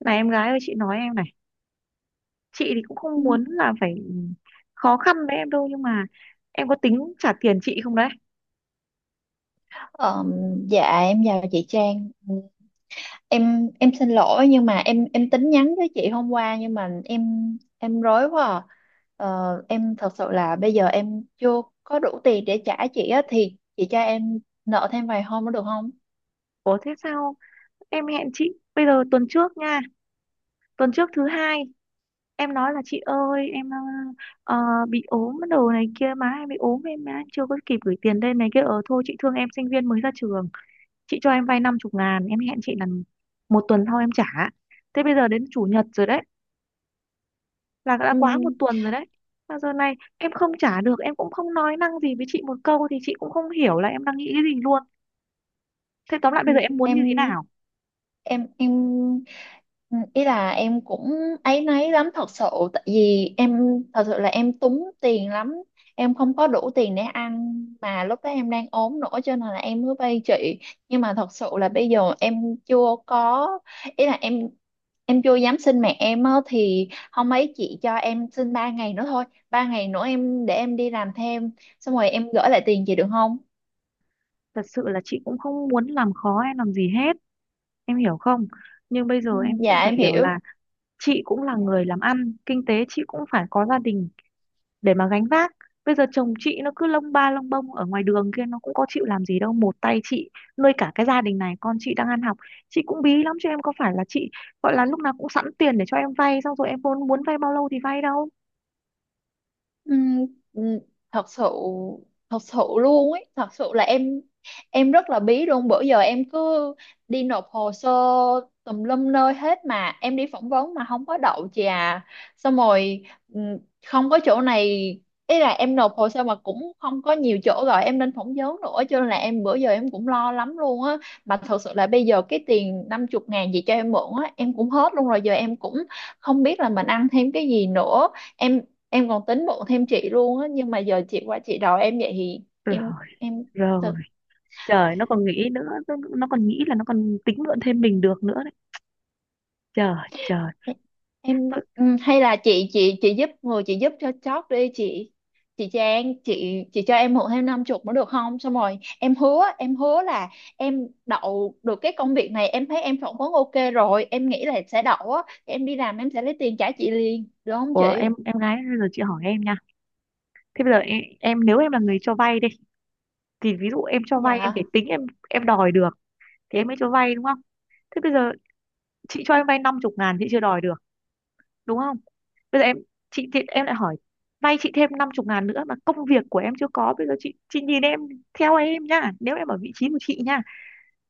Này em gái ơi, chị nói em này. Chị thì cũng không muốn là phải khó khăn với em đâu, nhưng mà em có tính trả tiền chị không đấy? Ờ, dạ em chào chị Trang. Em xin lỗi nhưng mà em tính nhắn với chị hôm qua nhưng mà em rối quá à. Em thật sự là bây giờ em chưa có đủ tiền để trả chị á, thì chị cho em nợ thêm vài hôm nữa được không? Ủa thế sao em hẹn chị, bây giờ tuần trước nha, tuần trước thứ hai em nói là chị ơi em ờ, bị ốm đồ này kia, má em bị ốm, em má chưa có kịp gửi tiền lên này kia, ờ thôi chị thương em sinh viên mới ra trường, chị cho em vay 50.000, em hẹn chị là một tuần sau em trả. Thế bây giờ đến chủ nhật rồi đấy, là đã Ừ. quá một tuần rồi đấy. Mà giờ này em không trả được, em cũng không nói năng gì với chị một câu, thì chị cũng không hiểu là em đang nghĩ cái gì luôn. Thế tóm lại bây giờ em muốn như thế em nào? em ừ, ý là em cũng áy náy lắm thật sự. Tại vì em thật sự là em túng tiền lắm, em không có đủ tiền để ăn mà lúc đó em đang ốm nữa, cho nên là em mới vay chị. Nhưng mà thật sự là bây giờ em chưa có, ý là em chưa dám xin mẹ em á, thì hôm ấy chị cho em xin 3 ngày nữa thôi. 3 ngày nữa em để em đi làm thêm xong rồi em gửi lại tiền chị được không? Thật sự là chị cũng không muốn làm khó em làm gì hết, em hiểu không? Nhưng bây Ừ, giờ em cũng dạ phải em hiểu hiểu. là chị cũng là người làm ăn kinh tế, chị cũng phải có gia đình để mà gánh vác. Bây giờ chồng chị nó cứ lông ba lông bông ở ngoài đường kia, nó cũng có chịu làm gì đâu, một tay chị nuôi cả cái gia đình này, con chị đang ăn học. Chị cũng bí lắm chứ, em có phải là chị gọi là lúc nào cũng sẵn tiền để cho em vay xong rồi em muốn muốn vay bao lâu thì vay đâu. Ừm, ừm, thật sự thật sự luôn ấy, thật sự là em rất là bí luôn. Bữa giờ em cứ đi nộp hồ sơ tùm lum nơi hết mà em đi phỏng vấn mà không có đậu chị à. Xong rồi, ừm, không có chỗ này, ý là em nộp hồ sơ mà cũng không có nhiều chỗ rồi em nên phỏng vấn nữa, cho nên là em bữa giờ em cũng lo lắm luôn á. Mà thật sự là bây giờ cái tiền 50.000 gì cho em mượn á em cũng hết luôn rồi. Giờ em cũng không biết là mình ăn thêm cái gì nữa. Em em còn tính bụng thêm chị luôn á, nhưng mà giờ chị qua chị đòi em vậy thì Rồi, em, em rồi. tự Trời, nó còn nghĩ nữa, nó còn nghĩ là nó còn tính mượn thêm mình được nữa đấy. Trời, trời. em, Tôi- hay là chị giúp người, chị giúp cho chót đi chị. Chị Trang, chị cho em mượn thêm 50 nữa được không? Xong rồi em hứa là em đậu được cái công việc này, em thấy em phỏng vấn ok rồi, em nghĩ là sẽ đậu á, em đi làm em sẽ lấy tiền trả chị liền được không Ủa, chị? em gái, bây giờ chị hỏi em nha. Thế bây giờ em nếu em là người cho vay đi, thì ví dụ em cho vay em phải Dạ. tính em đòi được thì em mới cho vay, đúng không? Thế bây giờ chị cho em vay năm chục ngàn, chị chưa đòi được, đúng không? Bây giờ em, chị thì em lại hỏi vay chị thêm 50.000 nữa mà công việc của em chưa có. Bây giờ chị nhìn em theo em nhá, nếu em ở vị trí của chị nhá,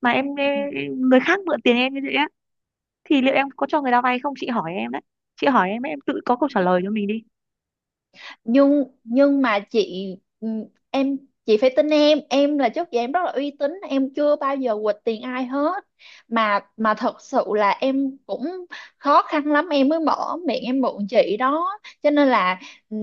mà em Ừ. người khác mượn tiền em như vậy á, thì liệu em có cho người ta vay không? Chị hỏi em đấy, chị hỏi em ấy, em tự có câu trả lời cho mình đi. Nhưng mà chị, ừ, em chị phải tin em. Em là trước giờ em rất là uy tín, em chưa bao giờ quỵt tiền ai hết, mà thật sự là em cũng khó khăn lắm em mới mở miệng em mượn chị đó. Cho nên là, ừ,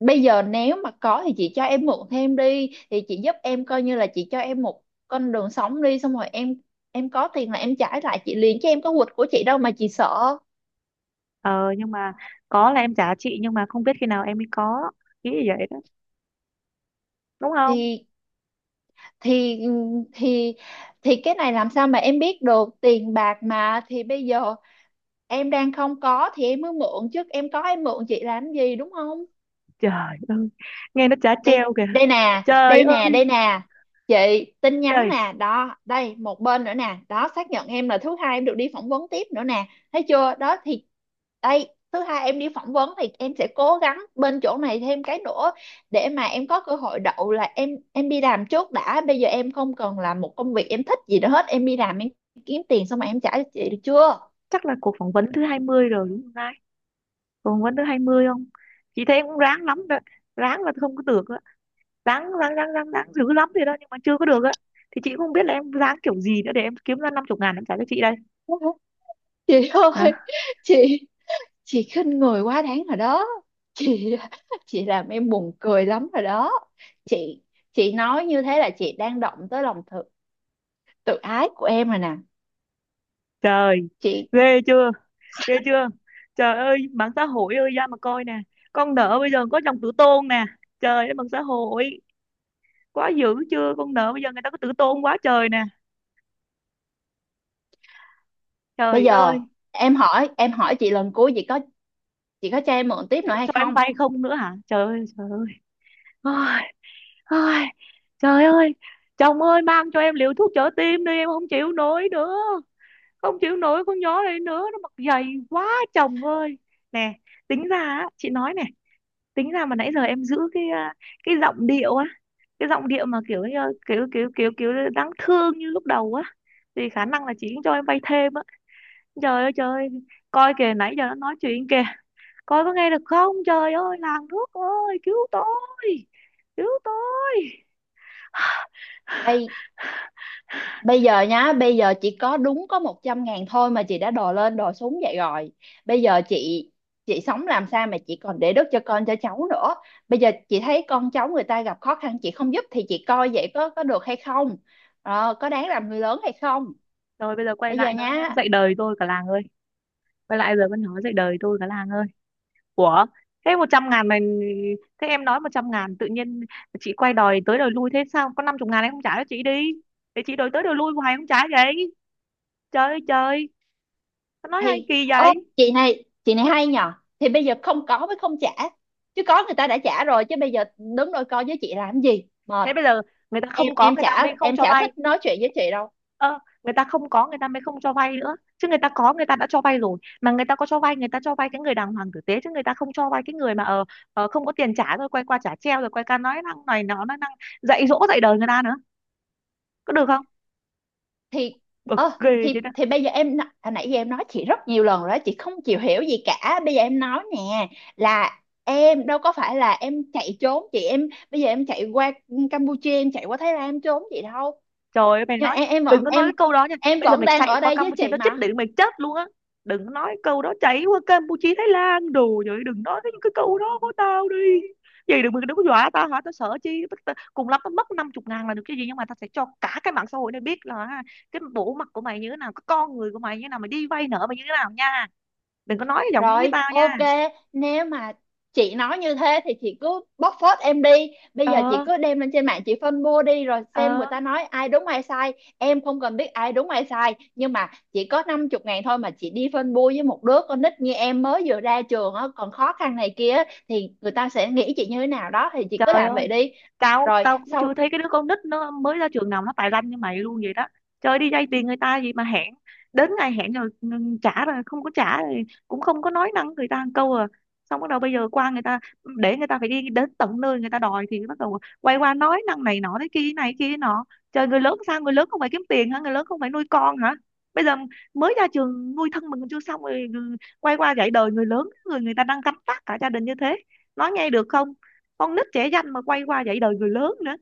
bây giờ nếu mà có thì chị cho em mượn thêm đi, thì chị giúp em coi như là chị cho em một con đường sống đi. Xong rồi em có tiền là em trả lại chị liền, chứ em có quỵt của chị đâu mà chị sợ. Ờ nhưng mà có là em trả chị, nhưng mà không biết khi nào em mới có. Nghĩ như vậy đó, đúng không? Thì thì thì thì cái này làm sao mà em biết được, tiền bạc mà. Thì bây giờ em đang không có thì em mới mượn, chứ em có em mượn chị làm gì, đúng không? Trời ơi, nghe nó chả Đây, treo kìa. đây nè, Trời đây nè, đây ơi nè chị, tin nhắn trời. nè đó, đây một bên nữa nè đó, xác nhận em là thứ hai em được đi phỏng vấn tiếp nữa nè. Thấy chưa đó? Thì đây, thứ hai em đi phỏng vấn thì em sẽ cố gắng bên chỗ này thêm cái nữa để mà em có cơ hội đậu là em đi làm trước đã. Bây giờ em không cần làm một công việc em thích gì nữa hết, em đi làm em kiếm tiền xong rồi em trả cho chị được chưa? Chắc là cuộc phỏng vấn thứ 20 rồi đúng không? Còn quán thứ 20 không? Chị thấy em cũng ráng lắm đó. Ráng là không có được á, ráng ráng ráng ráng ráng dữ lắm thì đó, nhưng mà chưa có được á. Thì chị cũng không biết là em ráng kiểu gì nữa để em kiếm ra 50.000 em trả cho chị đây. Chị Hả? ơi, chị chị khinh người quá đáng rồi đó chị. Chị làm em buồn cười lắm rồi đó chị chị nói như thế là chị đang động tới lòng tự tự ái của em rồi nè Trời, chị. ghê chưa, ghê chưa! Trời ơi mạng xã hội ơi, ra mà coi nè. Con nợ bây giờ có dòng tử tôn nè. Trời ơi mạng xã hội, quá dữ chưa, con nợ bây giờ người ta có tử tôn quá trời nè. Bây Trời giờ ơi. em hỏi chị lần cuối, chị có cho em mượn tiếp Chị nữa có hay cho em không? vay không nữa hả? Trời ơi trời ơi! Ai, trời ơi, chồng ơi mang cho em liều thuốc trợ tim đi, em không chịu nổi nữa. Không chịu nổi con nhỏ này nữa, nó mặc dày quá chồng ơi. Nè, tính ra á, chị nói nè, tính ra mà nãy giờ em giữ cái giọng điệu á, cái giọng điệu mà kiểu như- kiểu kiểu kiểu kiểu đáng thương như lúc đầu á, thì khả năng là chị cũng cho em vay thêm á. Trời ơi trời ơi, coi kìa nãy giờ nó nói chuyện kìa, coi có nghe được không? Trời ơi, làng thuốc ơi, cứu tôi, cứu tôi. Bây Bây giờ nhá, bây giờ chỉ có đúng có 100.000 thôi mà chị đã đòi lên đòi xuống vậy rồi. Bây giờ chị sống làm sao mà chị còn để đất cho con cho cháu nữa. Bây giờ chị thấy con cháu người ta gặp khó khăn chị không giúp thì chị coi vậy có được hay không? Có đáng làm người lớn hay không? Rồi bây giờ quay Bây giờ lại nó nhá, dạy đời tôi, cả làng ơi. Quay lại giờ vẫn nói dạy đời tôi, cả làng ơi. Ủa, thế 100.000 mà, thế em nói 100.000 tự nhiên chị quay đòi tới đòi lui, thế sao có 50.000 em không trả cho chị đi. Để chị đòi tới đòi lui hoài không trả vậy. Trời ơi trời, nó nói hay thì kỳ ơ vậy. Chị này hay nhờ. Thì bây giờ không có mới không trả. Chứ có người ta đã trả rồi, chứ bây giờ đứng đôi co với chị làm gì? Mệt. Thế bây giờ người ta Em không có, em người ta chả mới không em cho chả thích vay. nói chuyện với chị đâu. Ờ Người ta không có, người ta mới không cho vay nữa chứ. Người ta có, người ta đã cho vay rồi mà. Người ta có cho vay, người ta cho vay cái người đàng hoàng tử tế chứ người ta không cho vay cái người mà không có tiền trả rồi quay qua trả treo, rồi quay qua nói năng này, nó nói năng dạy dỗ dạy đời người ta nữa. Có được không? Thì Bực ờ ghê chứ. Thì bây giờ em, hồi nãy giờ em nói chị rất nhiều lần rồi đó, chị không chịu hiểu gì cả. Bây giờ em nói nè, là em đâu có phải là em chạy trốn chị. Em bây giờ em chạy qua Campuchia, em chạy qua Thái Lan em trốn chị đâu. Trời ơi mày Nhưng mà nói, em em đừng vẫn có nói cái em câu đó nha. em Bây giờ vẫn mày đang chạy ở qua đây với Campuchia chị nó chết mà. đến mày chết luôn á. Đừng có nói câu đó, chạy qua Campuchia Thái Lan đồ vậy. Đừng nói cái câu đó của tao đi. Vậy đừng đừng có dọa tao, hả, tao sợ chi. Cùng lắm tao mất 50.000 là được cái gì. Nhưng mà tao sẽ cho cả cái mạng xã hội này biết là, ha, cái bộ mặt của mày như thế nào, cái con người của mày như thế nào, mày đi vay nợ mày như thế nào nha. Đừng có nói giọng nó với Rồi, tao nha. ok, nếu mà chị nói như thế thì chị cứ bóc phốt em đi. Bây giờ chị Ờ cứ đem lên trên mạng chị phân bua đi rồi xem ờ người ta nói ai đúng ai sai. Em không cần biết ai đúng ai sai, nhưng mà chỉ có 50 ngàn thôi mà chị đi phân bua với một đứa con nít như em mới vừa ra trường á, còn khó khăn này kia á, thì người ta sẽ nghĩ chị như thế nào đó thì chị cứ Trời làm ơi, vậy đi. tao Rồi, tao cũng chưa sau thấy cái đứa con nít nó mới ra trường nào nó tài lanh như mày luôn vậy đó. Trời, đi vay tiền người ta gì mà hẹn đến ngày hẹn rồi ngừng trả, rồi không có trả, rồi cũng không có nói năng người ta một câu à. Xong bắt đầu bây giờ qua người ta, để người ta phải đi đến tận nơi người ta đòi, thì bắt đầu quay qua nói năng này nọ thế kia này kia nọ. Trời, người lớn sao? Người lớn không phải kiếm tiền hả? Người lớn không phải nuôi con hả? Bây giờ mới ra trường nuôi thân mình còn chưa xong, rồi quay qua dạy đời người lớn, người người ta đang cắm trại cả gia đình như thế. Nói nghe được không? Con nít trẻ danh mà quay qua dạy đời người lớn nữa.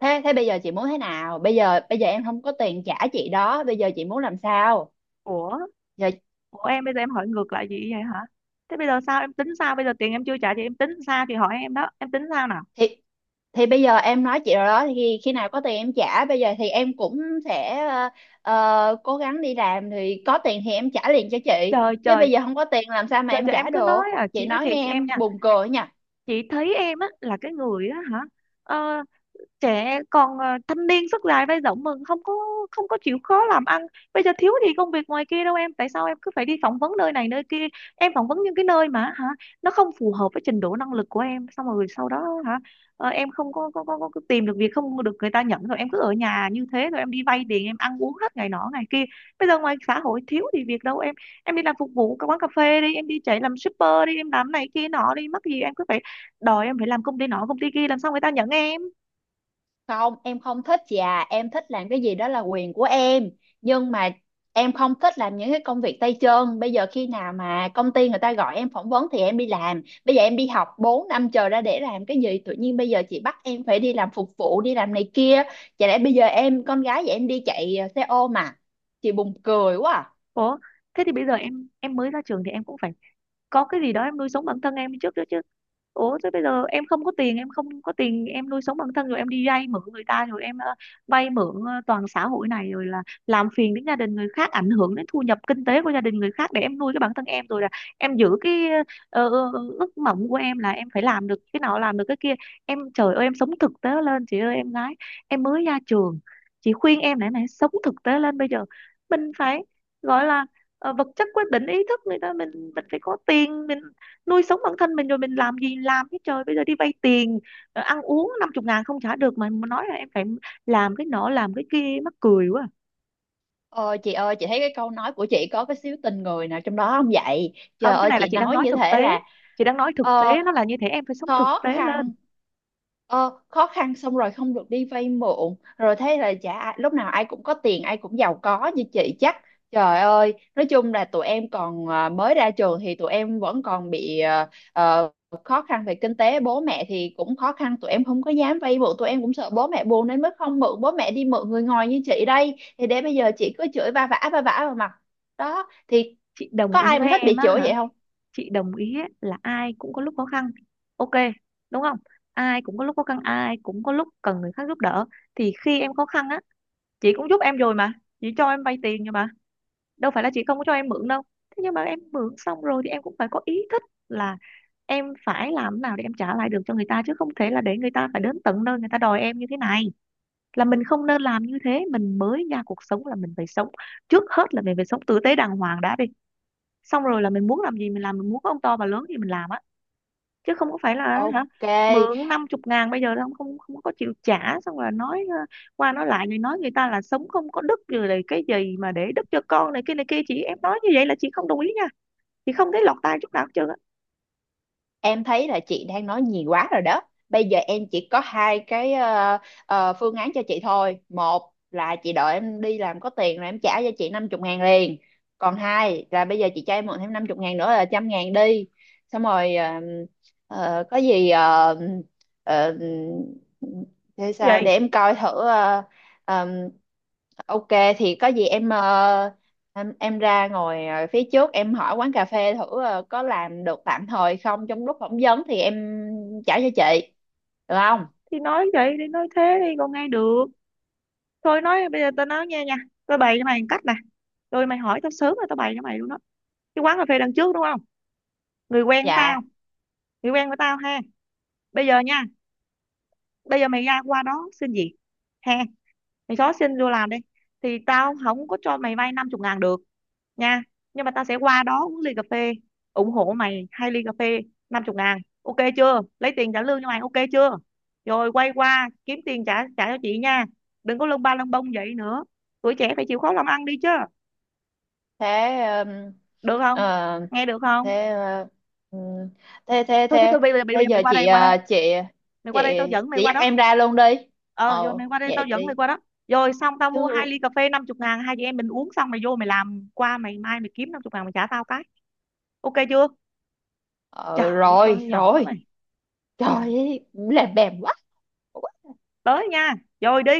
thế thế bây giờ chị muốn thế nào? Bây giờ em không có tiền trả chị đó, bây giờ chị muốn làm sao? Ủa, Giờ của em, bây giờ em hỏi ngược lại chị vậy hả? Thế bây giờ sao em tính sao? Bây giờ tiền em chưa trả thì em tính sao? Thì hỏi em đó, em tính sao nào. thì thì bây giờ em nói chị rồi đó, thì khi nào có tiền em trả. Bây giờ thì em cũng sẽ cố gắng đi làm, thì có tiền thì em trả liền cho chị, Trời chứ trời bây giờ không có tiền làm sao mà trời em trời, em trả cứ được. nói à, Chị chị nói nói thiệt nghe em em nha. buồn cười nhỉ. Chị thấy em á là cái người á hả. Ờ, trẻ còn thanh niên sức dài vai rộng mừng không có, không có chịu khó làm ăn. Bây giờ thiếu gì công việc ngoài kia đâu em. Tại sao em cứ phải đi phỏng vấn nơi này nơi kia? Em phỏng vấn những cái nơi mà hả nó không phù hợp với trình độ năng lực của em, xong rồi sau đó hả, em không có có tìm được việc, không được người ta nhận, rồi em cứ ở nhà như thế, rồi em đi vay tiền em ăn uống hết ngày nọ ngày kia. Bây giờ ngoài xã hội thiếu gì việc đâu em. Em đi làm phục vụ các quán cà phê đi, em đi chạy làm shipper đi, em làm này kia nọ đi, mắc gì em cứ phải đòi em phải làm công ty nọ công ty kia, làm sao người ta nhận em? Không, em không thích chị à, em thích làm cái gì đó là quyền của em. Nhưng mà em không thích làm những cái công việc tay chân. Bây giờ khi nào mà công ty người ta gọi em phỏng vấn thì em đi làm, bây giờ em đi học 4 năm chờ ra để làm cái gì, tự nhiên bây giờ chị bắt em phải đi làm phục vụ đi làm này kia. Chả lẽ bây giờ em con gái vậy em đi chạy xe ôm mà. Chị buồn cười quá à. Ủa, thế thì bây giờ em mới ra trường thì em cũng phải có cái gì đó em nuôi sống bản thân em trước đó chứ. Ủa, thế bây giờ em không có tiền, em không có tiền, em nuôi sống bản thân, rồi em đi vay mượn người ta, rồi em vay mượn toàn xã hội này, rồi là làm phiền đến gia đình người khác, ảnh hưởng đến thu nhập kinh tế của gia đình người khác để em nuôi cái bản thân em, rồi là em giữ cái ước mộng của em là em phải làm được cái nào làm được cái kia. Em, trời ơi, em sống thực tế lên chị ơi, em gái, em mới ra trường. Chị khuyên em, này này, sống thực tế lên bây giờ. Mình phải gọi là vật chất quyết định ý thức người ta. Mình phải có tiền, mình nuôi sống bản thân mình rồi mình làm gì làm chứ. Trời, bây giờ đi vay tiền, ăn uống 50.000 không trả được, mà nói là em phải làm cái nọ làm cái kia, mắc cười quá. Ờ chị ơi, chị thấy cái câu nói của chị có cái xíu tình người nào trong đó không vậy? Trời Không, cái ơi này là chị chị đang nói nói như thực thế tế. là, Chị đang nói thực ờ, tế, nó là như thế, em phải sống thực khó tế lên. khăn, khó khăn xong rồi không được đi vay mượn, rồi thế là chả ai, lúc nào ai cũng có tiền, ai cũng giàu có như chị chắc. Trời ơi, nói chung là tụi em còn mới ra trường, thì tụi em vẫn còn bị khó khăn về kinh tế. Bố mẹ thì cũng khó khăn, tụi em không có dám vay mượn, tụi em cũng sợ bố mẹ buồn nên mới không mượn bố mẹ, đi mượn người ngoài như chị đây, thì để bây giờ chị cứ chửi va vã vào mặt đó thì Chị có đồng ý ai mà với thích em bị á chửi hả? vậy không? Chị đồng ý á, là ai cũng có lúc khó khăn. Ok, đúng không? Ai cũng có lúc khó khăn, ai cũng có lúc cần người khác giúp đỡ. Thì khi em khó khăn á, chị cũng giúp em rồi mà, chị cho em vay tiền rồi mà, đâu phải là chị không có cho em mượn đâu. Thế nhưng mà em mượn xong rồi thì em cũng phải có ý thức là em phải làm nào để em trả lại được cho người ta, chứ không thể là để người ta phải đến tận nơi người ta đòi em như thế này. Là mình không nên làm như thế. Mình mới ra cuộc sống là mình phải sống, trước hết là mình phải sống tử tế đàng hoàng đã đi. Xong rồi là mình muốn làm gì mình làm, mình muốn có ông to bà lớn gì mình làm á, chứ không có phải là hả? Ok, Mượn 50.000 bây giờ không không không có chịu trả, xong rồi nói, qua nói lại, rồi nói người ta là sống không có đức, rồi là cái gì mà để đức cho con, này kia này kia. Chị em nói như vậy là chị không đồng ý nha, chị không thấy lọt tai chút nào hết trơn á. em thấy là chị đang nói nhiều quá rồi đó. Bây giờ em chỉ có hai cái phương án cho chị thôi. Một là chị đợi em đi làm có tiền rồi em trả cho chị 50 ngàn liền. Còn hai là bây giờ chị cho em mượn thêm 50 ngàn nữa là 100.000 đi, xong rồi có gì, ờ, thế sao Vậy để em coi thử. Ờ, ờ, ok, thì có gì em, em ra ngồi phía trước, em hỏi quán cà phê thử có làm được tạm thời không, trong lúc phỏng vấn thì em trả cho chị được không? thì nói vậy đi, nói thế đi còn nghe được. Thôi, nói bây giờ tao nói nghe nha, tao bày cho mày một cách nè. Rồi mày hỏi tao sớm rồi tao bày cho mày luôn đó. Cái quán cà phê đằng trước, đúng không? Người quen của Dạ. tao, người quen của tao ha. Bây giờ nha, bây giờ mày ra qua đó xin việc ha. Mày xóa xin vô làm đi. Thì tao không có cho mày vay 50.000 được nha, nhưng mà tao sẽ qua đó uống ly cà phê, ủng hộ mày hai ly cà phê 50.000. Ok chưa? Lấy tiền trả lương cho mày, ok chưa? Rồi quay qua kiếm tiền trả trả cho chị nha. Đừng có lông ba lông bông vậy nữa, tuổi trẻ phải chịu khó làm ăn đi chứ. Thế, ừm, Được không? ờ, Nghe được không? thế ờ, ừm, thế thế Thôi thôi thế thôi, bây giờ thế mày giờ qua đây, chị, qua đây, chị, mày chị qua đây tao dẫn mày chị qua dắt đó. em ra luôn đi. Ờ rồi, mày qua đây Vậy tao dẫn mày đi qua đó. Rồi xong, tao chứ. mua hai ly cà phê năm chục ngàn, hai chị em mình uống xong mày vô mày làm, qua mày mai mày kiếm 50.000 mày trả tao cái. Ok chưa? Ờ Trời, Rồi con nhỏ rồi. này. Trời, Trời ơi, làm bèm quá. tới nha, rồi đi